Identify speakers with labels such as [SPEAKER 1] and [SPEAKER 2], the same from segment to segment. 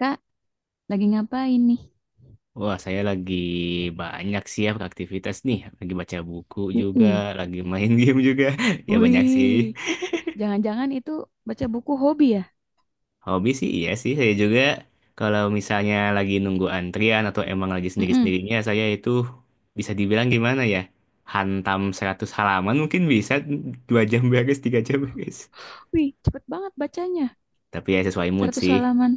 [SPEAKER 1] Kak, lagi ngapain nih?
[SPEAKER 2] Wah, saya lagi banyak sih ya aktivitas nih. Lagi baca buku juga,
[SPEAKER 1] Mm-mm.
[SPEAKER 2] lagi main game juga. Ya banyak sih.
[SPEAKER 1] Wih, jangan-jangan itu baca buku hobi ya?
[SPEAKER 2] Hobi sih iya sih saya juga. Kalau misalnya lagi nunggu antrian atau emang lagi
[SPEAKER 1] Mm-mm.
[SPEAKER 2] sendiri-sendirinya, saya itu bisa dibilang gimana ya? Hantam 100 halaman mungkin bisa 2 jam beres, 3 jam beres.
[SPEAKER 1] Wih, cepet banget bacanya.
[SPEAKER 2] Tapi ya sesuai mood
[SPEAKER 1] seratus
[SPEAKER 2] sih.
[SPEAKER 1] halaman.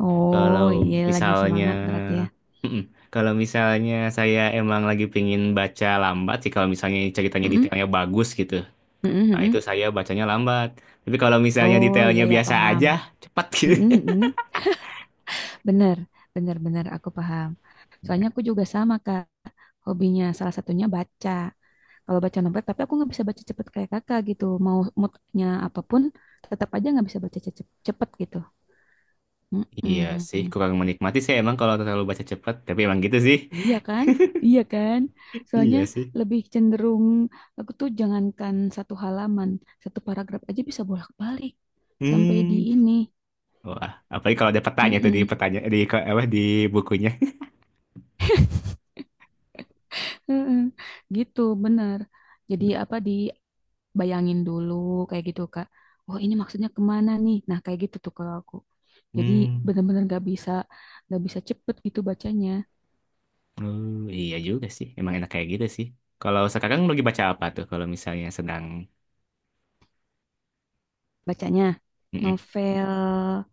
[SPEAKER 1] Oh,
[SPEAKER 2] Kalau
[SPEAKER 1] iya lagi
[SPEAKER 2] misalnya.
[SPEAKER 1] semangat berarti ya.
[SPEAKER 2] Mm-mm. Kalau misalnya saya emang lagi pengen baca lambat sih, kalau misalnya ceritanya
[SPEAKER 1] Mm-mm.
[SPEAKER 2] detailnya bagus gitu.
[SPEAKER 1] Mm-mm,
[SPEAKER 2] Nah, itu
[SPEAKER 1] mm-mm.
[SPEAKER 2] saya bacanya lambat. Tapi kalau misalnya
[SPEAKER 1] Oh, iya
[SPEAKER 2] detailnya
[SPEAKER 1] ya
[SPEAKER 2] biasa
[SPEAKER 1] paham.
[SPEAKER 2] aja, cepat gitu.
[SPEAKER 1] Mm-mm, mm-mm. Bener, bener, bener aku paham. Soalnya aku juga sama Kak, hobinya salah satunya baca. Kalau baca novel, tapi aku nggak bisa baca cepet kayak kakak gitu. Mau moodnya apapun, tetap aja nggak bisa baca cepet gitu.
[SPEAKER 2] Iya sih,
[SPEAKER 1] Mm-mm.
[SPEAKER 2] kurang menikmati sih emang kalau terlalu baca cepat. Tapi emang gitu sih.
[SPEAKER 1] Iya kan? Iya kan? Soalnya
[SPEAKER 2] Iya sih.
[SPEAKER 1] lebih cenderung aku tuh jangankan satu halaman, satu paragraf aja bisa bolak-balik sampai di
[SPEAKER 2] Hmm.
[SPEAKER 1] ini.
[SPEAKER 2] Wah, apalagi kalau ada petanya tuh di
[SPEAKER 1] Mm-mm.
[SPEAKER 2] petanya di apa di bukunya.
[SPEAKER 1] Mm-mm. Gitu, bener. Jadi apa dibayangin dulu kayak gitu, Kak. Oh, ini maksudnya kemana nih? Nah, kayak gitu tuh kalau aku. Jadi
[SPEAKER 2] Hmm.
[SPEAKER 1] bener-bener gak bisa cepet gitu bacanya.
[SPEAKER 2] Oh, iya juga sih. Emang enak kayak gitu sih. Kalau sekarang lagi baca apa tuh kalau misalnya sedang.
[SPEAKER 1] Bacanya
[SPEAKER 2] Mm-mm.
[SPEAKER 1] novel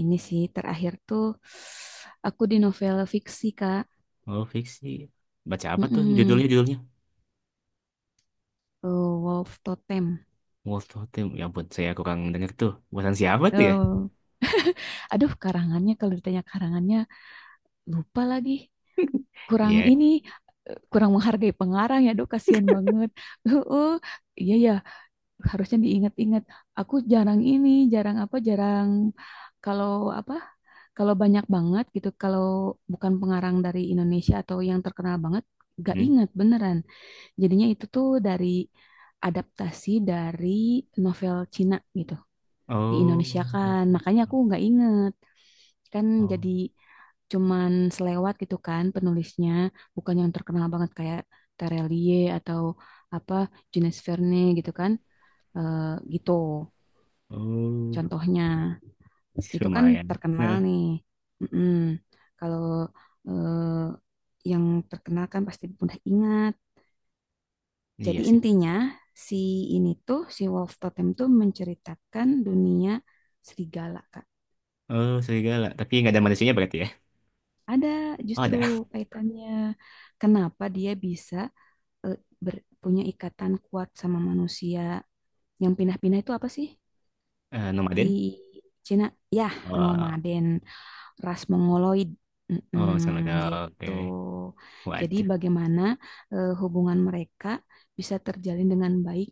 [SPEAKER 1] ini sih terakhir tuh aku di novel fiksi, Kak.
[SPEAKER 2] Oh, fiksi. Baca apa tuh judulnya
[SPEAKER 1] Mm-mm.
[SPEAKER 2] judulnya?
[SPEAKER 1] Eh, Wolf Totem.
[SPEAKER 2] Wolf Totem. Ya ampun, saya kurang denger tuh. Buatan siapa tuh ya?
[SPEAKER 1] Eh, aduh, karangannya kalau ditanya karangannya lupa lagi. Kurang
[SPEAKER 2] Iya.
[SPEAKER 1] ini, eh, kurang menghargai pengarang ya, aduh kasihan banget. Uh, iya ya, harusnya diingat-ingat. Aku jarang ini, jarang apa, jarang kalau apa, kalau banyak banget gitu, kalau bukan pengarang dari Indonesia atau yang terkenal banget, gak
[SPEAKER 2] Hmm.
[SPEAKER 1] ingat beneran. Jadinya itu tuh dari adaptasi dari novel Cina gitu. Di Indonesia
[SPEAKER 2] Oh,
[SPEAKER 1] kan. Makanya aku nggak inget. Kan
[SPEAKER 2] oh,
[SPEAKER 1] jadi cuman selewat gitu kan penulisnya. Bukan yang terkenal banget kayak Terelie atau apa Jules Verne gitu kan. Eh, gitu
[SPEAKER 2] oh,
[SPEAKER 1] contohnya. Itu kan
[SPEAKER 2] lumayan.
[SPEAKER 1] terkenal
[SPEAKER 2] Nah,
[SPEAKER 1] nih. Mm-mm. Kalau eh, yang terkenal kan pasti mudah ingat.
[SPEAKER 2] iya
[SPEAKER 1] Jadi
[SPEAKER 2] sih.
[SPEAKER 1] intinya si ini tuh si Wolf Totem tuh menceritakan dunia serigala, Kak.
[SPEAKER 2] Oh, serigala. Tapi nggak ada manusianya berarti ya?
[SPEAKER 1] Ada
[SPEAKER 2] Oh,
[SPEAKER 1] justru
[SPEAKER 2] ada.
[SPEAKER 1] kaitannya kenapa dia bisa eh, punya ikatan kuat sama manusia yang pindah-pindah itu apa sih
[SPEAKER 2] Eh,
[SPEAKER 1] di
[SPEAKER 2] nomaden?
[SPEAKER 1] Cina? Ya,
[SPEAKER 2] Oh,
[SPEAKER 1] nomaden, ras mongoloid,
[SPEAKER 2] oh, sama ada.
[SPEAKER 1] mm-mm,
[SPEAKER 2] Oke.
[SPEAKER 1] gitu. Jadi
[SPEAKER 2] Waduh.
[SPEAKER 1] bagaimana eh, hubungan mereka bisa terjalin dengan baik,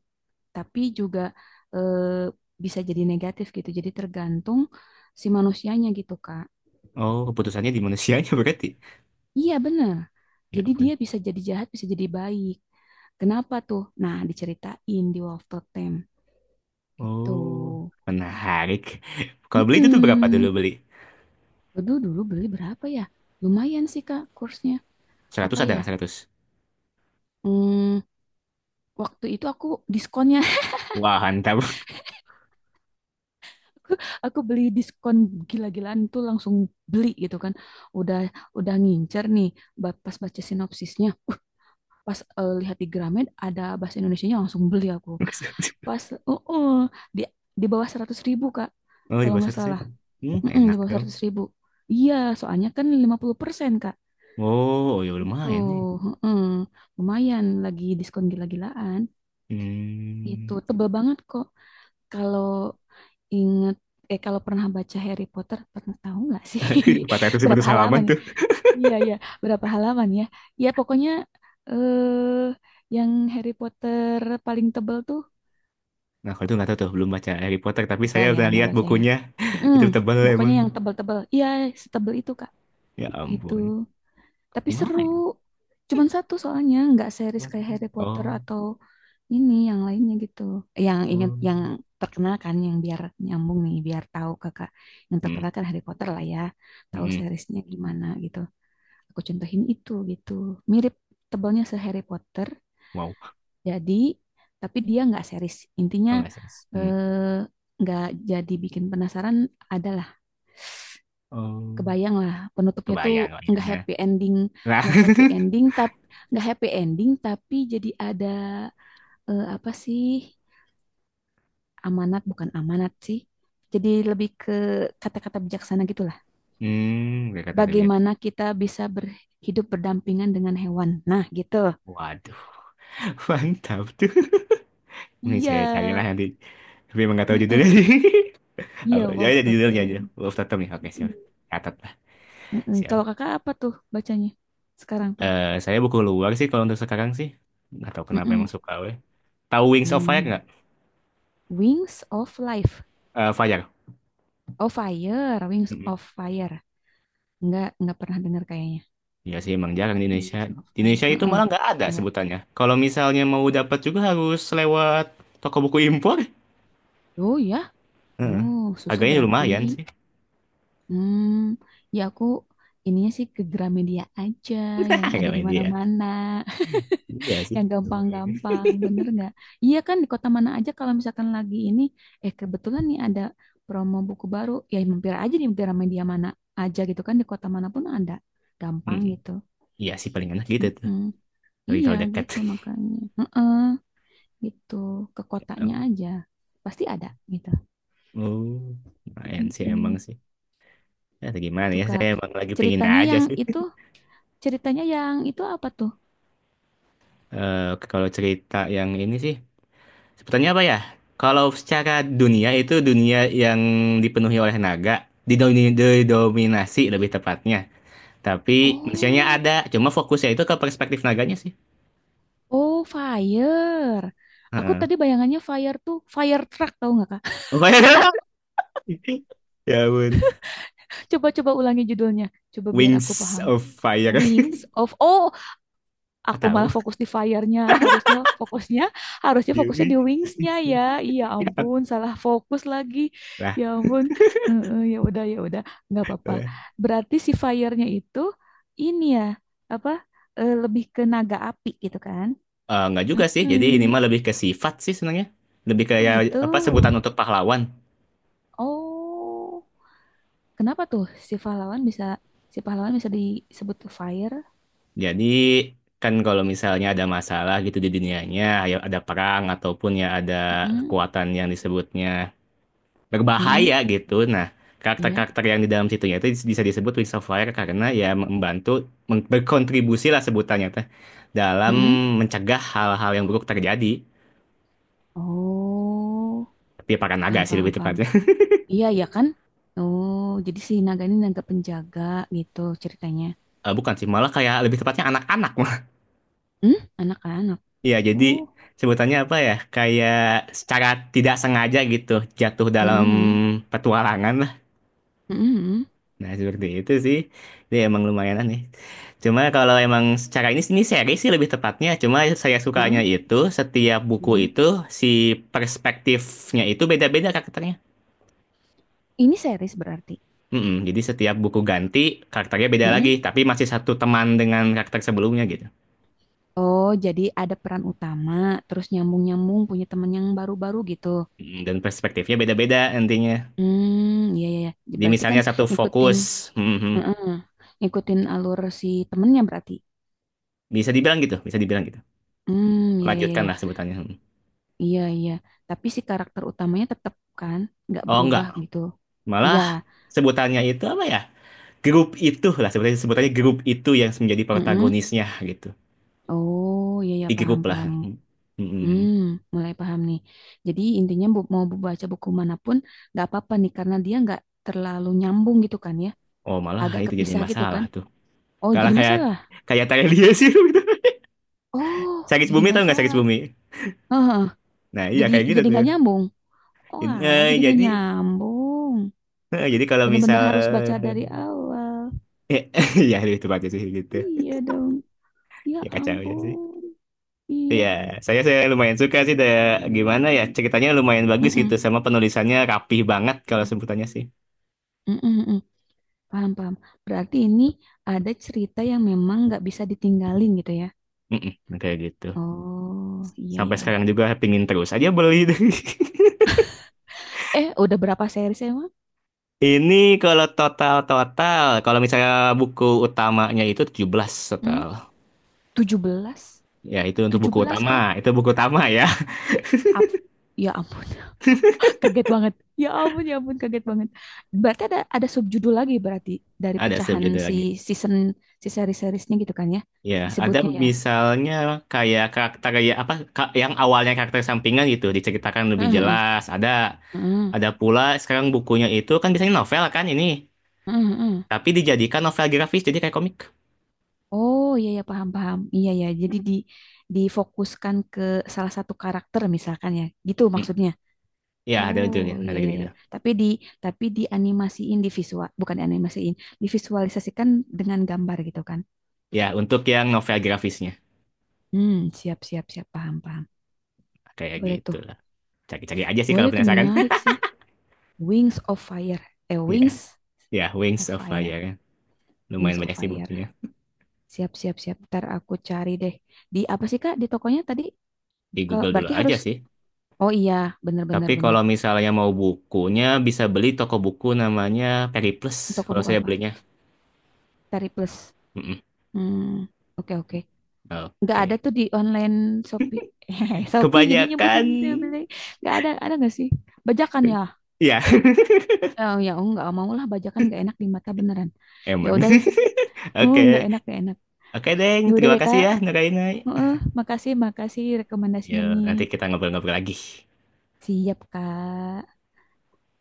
[SPEAKER 1] tapi juga eh, bisa jadi negatif gitu. Jadi tergantung si manusianya gitu, Kak.
[SPEAKER 2] Oh, keputusannya di manusianya berarti.
[SPEAKER 1] Iya bener.
[SPEAKER 2] Ya
[SPEAKER 1] Jadi dia
[SPEAKER 2] ampun.
[SPEAKER 1] bisa jadi jahat, bisa jadi baik. Kenapa tuh? Nah, diceritain di Wolverton gitu.
[SPEAKER 2] Oh, menarik. Kalau beli itu tuh berapa dulu
[SPEAKER 1] mm
[SPEAKER 2] beli?
[SPEAKER 1] Dulu dulu beli berapa ya? Lumayan sih Kak kursnya.
[SPEAKER 2] 100,
[SPEAKER 1] Apa
[SPEAKER 2] ada
[SPEAKER 1] ya?
[SPEAKER 2] nggak 100?
[SPEAKER 1] Hmm, waktu itu aku diskonnya
[SPEAKER 2] Wah, mantap.
[SPEAKER 1] aku, aku beli diskon gila-gilaan tuh langsung beli gitu kan. Udah udah ngincer nih pas baca sinopsisnya. Pas eh, lihat di gramet ada bahasa Indonesianya langsung beli aku. Pas oh, oh, di di bawah 100.000 kak
[SPEAKER 2] Oh, di
[SPEAKER 1] kalau
[SPEAKER 2] bawah
[SPEAKER 1] nggak
[SPEAKER 2] 100
[SPEAKER 1] salah.
[SPEAKER 2] ribu. Hmm,
[SPEAKER 1] Mm-mm, di
[SPEAKER 2] enak
[SPEAKER 1] bawah
[SPEAKER 2] dong.
[SPEAKER 1] 100.000, iya soalnya kan 50% kak
[SPEAKER 2] Oh, oh ya
[SPEAKER 1] gitu.
[SPEAKER 2] lumayan nih.
[SPEAKER 1] Mm, lumayan lagi diskon gila-gilaan itu
[SPEAKER 2] Hmm.
[SPEAKER 1] tebel banget kok. Kalau inget eh kalau pernah baca Harry Potter pernah tahu nggak sih berapa
[SPEAKER 2] 400 halaman
[SPEAKER 1] halaman.
[SPEAKER 2] tuh.
[SPEAKER 1] Iya iya berapa halaman ya, ya pokoknya eh yang Harry Potter paling tebel tuh.
[SPEAKER 2] Nah, kalau itu nggak tahu tuh, belum baca Harry Potter, tapi
[SPEAKER 1] Enggak
[SPEAKER 2] saya
[SPEAKER 1] ya,
[SPEAKER 2] udah
[SPEAKER 1] enggak
[SPEAKER 2] lihat
[SPEAKER 1] baca ya.
[SPEAKER 2] bukunya.
[SPEAKER 1] Mm,
[SPEAKER 2] Itu tebal
[SPEAKER 1] pokoknya
[SPEAKER 2] emang.
[SPEAKER 1] yang tebel-tebel. Iya, setebel itu, Kak.
[SPEAKER 2] Ya
[SPEAKER 1] Gitu.
[SPEAKER 2] ampun.
[SPEAKER 1] Tapi
[SPEAKER 2] Lumayan.
[SPEAKER 1] seru. Cuman satu soalnya, enggak series kayak Harry Potter
[SPEAKER 2] Oh,
[SPEAKER 1] atau ini yang lainnya gitu. Yang ingat
[SPEAKER 2] oh.
[SPEAKER 1] yang terkenal kan yang biar nyambung nih, biar tahu Kakak. Yang
[SPEAKER 2] Hmm,
[SPEAKER 1] terkenal kan Harry Potter lah ya.
[SPEAKER 2] hmm,
[SPEAKER 1] Tahu
[SPEAKER 2] hmm.
[SPEAKER 1] seriesnya gimana gitu. Aku contohin itu gitu. Mirip tebelnya se Harry Potter.
[SPEAKER 2] Wow.
[SPEAKER 1] Jadi, tapi dia nggak series. Intinya
[SPEAKER 2] Oh, nggak sih. Hmm.
[SPEAKER 1] eh nggak jadi bikin penasaran adalah
[SPEAKER 2] Oh,
[SPEAKER 1] kebayang lah penutupnya tuh
[SPEAKER 2] kebayang, kebayang.
[SPEAKER 1] nggak
[SPEAKER 2] Nah.
[SPEAKER 1] happy ending,
[SPEAKER 2] Nah.
[SPEAKER 1] nggak happy ending tapi nggak happy ending tapi jadi ada eh, apa sih amanat bukan amanat sih, jadi lebih ke kata-kata bijaksana gitulah
[SPEAKER 2] hmm, nggak kata tapi nggak.
[SPEAKER 1] bagaimana kita bisa berhidup berdampingan dengan hewan, nah gitu.
[SPEAKER 2] Waduh, mantap tuh. Ini
[SPEAKER 1] Iya.
[SPEAKER 2] saya carilah nanti. Tapi emang nggak tahu judulnya.
[SPEAKER 1] Heeh.
[SPEAKER 2] Oh,
[SPEAKER 1] Iya,
[SPEAKER 2] ya,
[SPEAKER 1] Wolf
[SPEAKER 2] ya, judulnya aja.
[SPEAKER 1] Totem.
[SPEAKER 2] Wolf Totem ya. Oke, siap. Catat lah.
[SPEAKER 1] Heeh. Kalau
[SPEAKER 2] Siap.
[SPEAKER 1] kakak apa tuh bacanya sekarang tuh?
[SPEAKER 2] Eh, saya buku luar sih kalau untuk sekarang sih. Nggak tahu kenapa
[SPEAKER 1] Heeh.
[SPEAKER 2] emang suka. Weh. Tahu Wings of Fire
[SPEAKER 1] Hmm.
[SPEAKER 2] nggak?
[SPEAKER 1] Wings of Life
[SPEAKER 2] Eh, Fajar.
[SPEAKER 1] of Fire, Wings
[SPEAKER 2] Mm-mm.
[SPEAKER 1] of Fire. Nggak pernah dengar kayaknya.
[SPEAKER 2] Iya sih emang jarang di Indonesia.
[SPEAKER 1] Wings of
[SPEAKER 2] Di
[SPEAKER 1] Fire.
[SPEAKER 2] Indonesia itu
[SPEAKER 1] Heeh,
[SPEAKER 2] malah nggak ada
[SPEAKER 1] enggak.
[SPEAKER 2] sebutannya. Kalau misalnya mau dapat juga harus lewat toko buku impor.
[SPEAKER 1] Oh ya,
[SPEAKER 2] Heeh.
[SPEAKER 1] oh susah
[SPEAKER 2] Harganya
[SPEAKER 1] berarti.
[SPEAKER 2] lumayan sih.
[SPEAKER 1] Hmm, ya aku ininya sih ke Gramedia aja yang ada
[SPEAKER 2] Gak
[SPEAKER 1] di
[SPEAKER 2] media.
[SPEAKER 1] mana-mana,
[SPEAKER 2] Iya sih.
[SPEAKER 1] yang
[SPEAKER 2] Lumayan.
[SPEAKER 1] gampang-gampang, bener nggak? Iya kan di kota mana aja kalau misalkan lagi ini, eh kebetulan nih ada promo buku baru, ya mampir aja di Gramedia mana aja gitu kan, di kota manapun ada, gampang
[SPEAKER 2] Mm-mm.
[SPEAKER 1] gitu.
[SPEAKER 2] Iya sih paling enak gitu tuh.
[SPEAKER 1] Mm-mm.
[SPEAKER 2] Lagi
[SPEAKER 1] Iya
[SPEAKER 2] kalau dekat.
[SPEAKER 1] gitu makanya. Gitu ke kotanya
[SPEAKER 2] Em,
[SPEAKER 1] aja pasti ada gitu.
[SPEAKER 2] Oh, lumayan sih emang
[SPEAKER 1] Mm-mm.
[SPEAKER 2] sih. Ya, gimana
[SPEAKER 1] Itu
[SPEAKER 2] ya? Saya
[SPEAKER 1] kak
[SPEAKER 2] emang lagi pengen
[SPEAKER 1] ceritanya
[SPEAKER 2] aja
[SPEAKER 1] yang
[SPEAKER 2] sih.
[SPEAKER 1] itu, apa tuh?
[SPEAKER 2] Eh, kalau cerita yang ini sih. Sebutannya apa ya? Kalau secara dunia itu dunia yang dipenuhi oleh naga, didominasi lebih tepatnya. Tapi manusianya
[SPEAKER 1] Oh
[SPEAKER 2] ada, cuma fokusnya itu ke perspektif naganya sih.
[SPEAKER 1] oh fire, aku
[SPEAKER 2] Heeh.
[SPEAKER 1] tadi bayangannya fire tuh fire truck tahu nggak kak.
[SPEAKER 2] Ya ampun.
[SPEAKER 1] Coba coba ulangi judulnya, coba biar aku
[SPEAKER 2] Wings
[SPEAKER 1] paham.
[SPEAKER 2] of Fire.
[SPEAKER 1] Wings of oh,
[SPEAKER 2] Nggak
[SPEAKER 1] aku
[SPEAKER 2] tahu.
[SPEAKER 1] malah fokus di fire-nya, harusnya
[SPEAKER 2] Dia-
[SPEAKER 1] fokusnya di wings-nya ya. Iya ampun salah fokus lagi.
[SPEAKER 2] Lah,
[SPEAKER 1] Ya ampun. Heeh, ya udah, ya udah, nggak
[SPEAKER 2] lah.
[SPEAKER 1] apa-apa.
[SPEAKER 2] Eh,
[SPEAKER 1] Berarti si fire-nya itu ini ya, apa eh, lebih ke naga api gitu kan.
[SPEAKER 2] nggak juga sih. Jadi ini
[SPEAKER 1] Hmm,
[SPEAKER 2] mah lebih ke sifat sih sebenarnya. Lebih
[SPEAKER 1] oh
[SPEAKER 2] kayak
[SPEAKER 1] gitu.
[SPEAKER 2] apa sebutan untuk pahlawan.
[SPEAKER 1] Oh, kenapa tuh si pahlawan bisa si pahlawan bisa disebut fire?
[SPEAKER 2] Jadi kan kalau misalnya ada masalah gitu di dunianya, ya ada perang ataupun ya ada
[SPEAKER 1] Mm-mm,
[SPEAKER 2] kekuatan yang disebutnya
[SPEAKER 1] mm-mm,
[SPEAKER 2] berbahaya gitu. Nah,
[SPEAKER 1] iya,
[SPEAKER 2] karakter-karakter yang di dalam situnya itu bisa disebut Wings of Fire karena ya membantu berkontribusi lah sebutannya teh dalam
[SPEAKER 1] mm-mm.
[SPEAKER 2] mencegah hal-hal yang buruk terjadi.
[SPEAKER 1] Oh
[SPEAKER 2] Tapi para naga
[SPEAKER 1] paham,
[SPEAKER 2] sih
[SPEAKER 1] paham,
[SPEAKER 2] lebih
[SPEAKER 1] paham.
[SPEAKER 2] tepatnya.
[SPEAKER 1] Iya, ya kan? Oh, jadi si naga ini naga penjaga gitu ceritanya.
[SPEAKER 2] Eh, bukan sih, malah kayak lebih tepatnya anak-anak. mah.
[SPEAKER 1] Hmm? Anak-anak.
[SPEAKER 2] Iya, jadi
[SPEAKER 1] Oh,
[SPEAKER 2] sebutannya apa ya? Kayak secara tidak sengaja gitu jatuh dalam
[SPEAKER 1] mm-mm,
[SPEAKER 2] petualangan.
[SPEAKER 1] mm-mm,
[SPEAKER 2] Nah, seperti itu sih. Dia emang lumayan aneh. Cuma kalau emang secara ini seri sih lebih tepatnya. Cuma saya sukanya
[SPEAKER 1] uh-uh,
[SPEAKER 2] itu setiap buku
[SPEAKER 1] mm-mm.
[SPEAKER 2] itu si perspektifnya itu beda-beda karakternya.
[SPEAKER 1] Ini series berarti.
[SPEAKER 2] Mm-mm, jadi setiap buku ganti karakternya beda lagi,
[SPEAKER 1] Mm-mm.
[SPEAKER 2] tapi masih satu teman dengan karakter sebelumnya gitu.
[SPEAKER 1] Oh, jadi ada peran utama, terus nyambung-nyambung punya teman yang baru-baru gitu.
[SPEAKER 2] Mm, dan perspektifnya beda-beda nantinya.
[SPEAKER 1] Hmm, iya, iya, iya. Ya,
[SPEAKER 2] Jadi
[SPEAKER 1] berarti kan
[SPEAKER 2] misalnya satu
[SPEAKER 1] ngikutin,
[SPEAKER 2] fokus, mhm.
[SPEAKER 1] mm ngikutin alur si temennya berarti.
[SPEAKER 2] Bisa dibilang gitu, bisa dibilang gitu.
[SPEAKER 1] Hmm, iya, iya, iya,
[SPEAKER 2] Lanjutkanlah sebutannya. Mm.
[SPEAKER 1] iya, iya, iya. Tapi si karakter utamanya tetap kan, nggak
[SPEAKER 2] Oh enggak,
[SPEAKER 1] berubah gitu. Iya.
[SPEAKER 2] malah sebutannya itu apa ya? Grup itu lah sebenarnya sebutannya, grup itu yang menjadi
[SPEAKER 1] mm
[SPEAKER 2] protagonisnya gitu,
[SPEAKER 1] Oh, iya ya
[SPEAKER 2] di
[SPEAKER 1] paham,
[SPEAKER 2] grup lah.
[SPEAKER 1] paham.
[SPEAKER 2] Mm-mm.
[SPEAKER 1] Hmm, mulai paham nih. Jadi intinya bu, mau baca buku manapun nggak apa-apa nih karena dia nggak terlalu nyambung gitu kan ya,
[SPEAKER 2] Oh, malah
[SPEAKER 1] agak
[SPEAKER 2] itu jadi
[SPEAKER 1] kepisah gitu
[SPEAKER 2] masalah
[SPEAKER 1] kan.
[SPEAKER 2] tuh
[SPEAKER 1] Oh,
[SPEAKER 2] kalau
[SPEAKER 1] jadi
[SPEAKER 2] kayak
[SPEAKER 1] masalah.
[SPEAKER 2] kayak tanya dia, sih gitu.
[SPEAKER 1] Oh,
[SPEAKER 2] Sakit
[SPEAKER 1] jadi
[SPEAKER 2] bumi, tau nggak? Sakit
[SPEAKER 1] masalah.
[SPEAKER 2] bumi.
[SPEAKER 1] Heeh,
[SPEAKER 2] Nah iya kayak gitu
[SPEAKER 1] jadi
[SPEAKER 2] tuh.
[SPEAKER 1] nggak nyambung. Oh,
[SPEAKER 2] Jadi,
[SPEAKER 1] alah, jadi nggak nyambung.
[SPEAKER 2] Kalau
[SPEAKER 1] Bener-bener
[SPEAKER 2] misal,
[SPEAKER 1] harus baca dari awal.
[SPEAKER 2] eh, ya itu aja sih gitu.
[SPEAKER 1] Iya dong. Ya
[SPEAKER 2] Ya kacau ya sih.
[SPEAKER 1] ampun. Iya.
[SPEAKER 2] Iya, saya lumayan suka sih da, gimana ya, ceritanya lumayan bagus gitu
[SPEAKER 1] Mm-mm.
[SPEAKER 2] sama penulisannya rapih banget kalau
[SPEAKER 1] Mm-mm.
[SPEAKER 2] sebutannya sih.
[SPEAKER 1] Mm-mm. Paham, paham. Berarti ini cerita yang memang nggak bisa ditinggalin gitu ya.
[SPEAKER 2] Mm-mm, kayak gitu.
[SPEAKER 1] Oh, iya, iya.
[SPEAKER 2] Sampai
[SPEAKER 1] iya.
[SPEAKER 2] sekarang juga pingin terus aja beli.
[SPEAKER 1] Eh, udah berapa series emang?
[SPEAKER 2] Ini kalau total-total, kalau misalnya buku utamanya itu 17
[SPEAKER 1] Hmm?
[SPEAKER 2] total.
[SPEAKER 1] 17.
[SPEAKER 2] Ya, itu untuk
[SPEAKER 1] tujuh
[SPEAKER 2] buku
[SPEAKER 1] belas,
[SPEAKER 2] utama.
[SPEAKER 1] Kak?
[SPEAKER 2] Itu buku utama ya.
[SPEAKER 1] Ap-, ya ampun, kaget banget. Ya ampun, kaget banget. Berarti ada subjudul lagi berarti dari
[SPEAKER 2] Ada
[SPEAKER 1] pecahan
[SPEAKER 2] subjudul
[SPEAKER 1] si
[SPEAKER 2] lagi.
[SPEAKER 1] season, si seri-seriesnya gitu kan ya?
[SPEAKER 2] Ya, ada
[SPEAKER 1] Disebutnya ya.
[SPEAKER 2] misalnya kayak karakter kayak apa yang awalnya karakter sampingan gitu diceritakan lebih
[SPEAKER 1] Heeh, heeh,
[SPEAKER 2] jelas. Ada
[SPEAKER 1] heeh,
[SPEAKER 2] ada pula sekarang bukunya itu kan biasanya novel kan ini,
[SPEAKER 1] heeh, heeh.
[SPEAKER 2] tapi dijadikan novel grafis jadi kayak komik.
[SPEAKER 1] Oh iya ya paham, paham. Iya ya. Jadi di difokuskan ke salah satu karakter misalkan ya. Gitu
[SPEAKER 2] Mm.
[SPEAKER 1] maksudnya.
[SPEAKER 2] Ya, ada
[SPEAKER 1] Oh
[SPEAKER 2] judulnya,
[SPEAKER 1] iya,
[SPEAKER 2] ada
[SPEAKER 1] iya ya.
[SPEAKER 2] gitu-gitu.
[SPEAKER 1] Tapi di dianimasiin di visual, bukan dianimasiin, divisualisasikan dengan gambar gitu kan.
[SPEAKER 2] Ya, untuk yang novel grafisnya
[SPEAKER 1] Hmm, siap, siap, siap, paham, paham.
[SPEAKER 2] kayak
[SPEAKER 1] Boleh
[SPEAKER 2] gitu
[SPEAKER 1] tuh.
[SPEAKER 2] lah. Cari-cari aja sih
[SPEAKER 1] Boleh
[SPEAKER 2] kalau
[SPEAKER 1] tuh,
[SPEAKER 2] penasaran.
[SPEAKER 1] menarik sih. Wings of Fire. Eh, Wings
[SPEAKER 2] Ya,
[SPEAKER 1] of
[SPEAKER 2] Wings of
[SPEAKER 1] Fire.
[SPEAKER 2] Fire kan.
[SPEAKER 1] Wings
[SPEAKER 2] Lumayan
[SPEAKER 1] of
[SPEAKER 2] banyak sih
[SPEAKER 1] Fire.
[SPEAKER 2] bukunya.
[SPEAKER 1] Siap, siap, siap. Ntar aku cari deh. Di apa sih Kak, di tokonya tadi?
[SPEAKER 2] Di
[SPEAKER 1] Ke,
[SPEAKER 2] Google dulu
[SPEAKER 1] berarti
[SPEAKER 2] aja
[SPEAKER 1] harus,
[SPEAKER 2] sih.
[SPEAKER 1] oh iya, bener, bener,
[SPEAKER 2] Tapi
[SPEAKER 1] bener.
[SPEAKER 2] kalau misalnya mau bukunya, bisa beli toko buku namanya Periplus.
[SPEAKER 1] Toko
[SPEAKER 2] Kalau
[SPEAKER 1] buku
[SPEAKER 2] saya
[SPEAKER 1] apa?
[SPEAKER 2] belinya.
[SPEAKER 1] Tari Plus.
[SPEAKER 2] Mm-mm.
[SPEAKER 1] Hmm, oke, oke. Nggak ada
[SPEAKER 2] Oke.
[SPEAKER 1] tuh di online Shopee. Hehe, Shopee jadi nyebutin
[SPEAKER 2] Kebanyakan...
[SPEAKER 1] tuh beli. Nggak ada, ada nggak sih? Bajakan ya?
[SPEAKER 2] Ya,
[SPEAKER 1] Oh ya, oh, nggak mau lah bajakan nggak enak di mata beneran. Ya
[SPEAKER 2] emang.
[SPEAKER 1] udah deh. Oh, nggak
[SPEAKER 2] Oke.
[SPEAKER 1] enak, nggak enak.
[SPEAKER 2] Oke, Deng.
[SPEAKER 1] Ya udah
[SPEAKER 2] Terima
[SPEAKER 1] deh,
[SPEAKER 2] kasih
[SPEAKER 1] Kak.
[SPEAKER 2] ya, Nurainai.
[SPEAKER 1] Heeh, makasih, makasih rekomendasinya
[SPEAKER 2] Ya,
[SPEAKER 1] nih.
[SPEAKER 2] nanti kita ngobrol-ngobrol lagi.
[SPEAKER 1] Siap, Kak.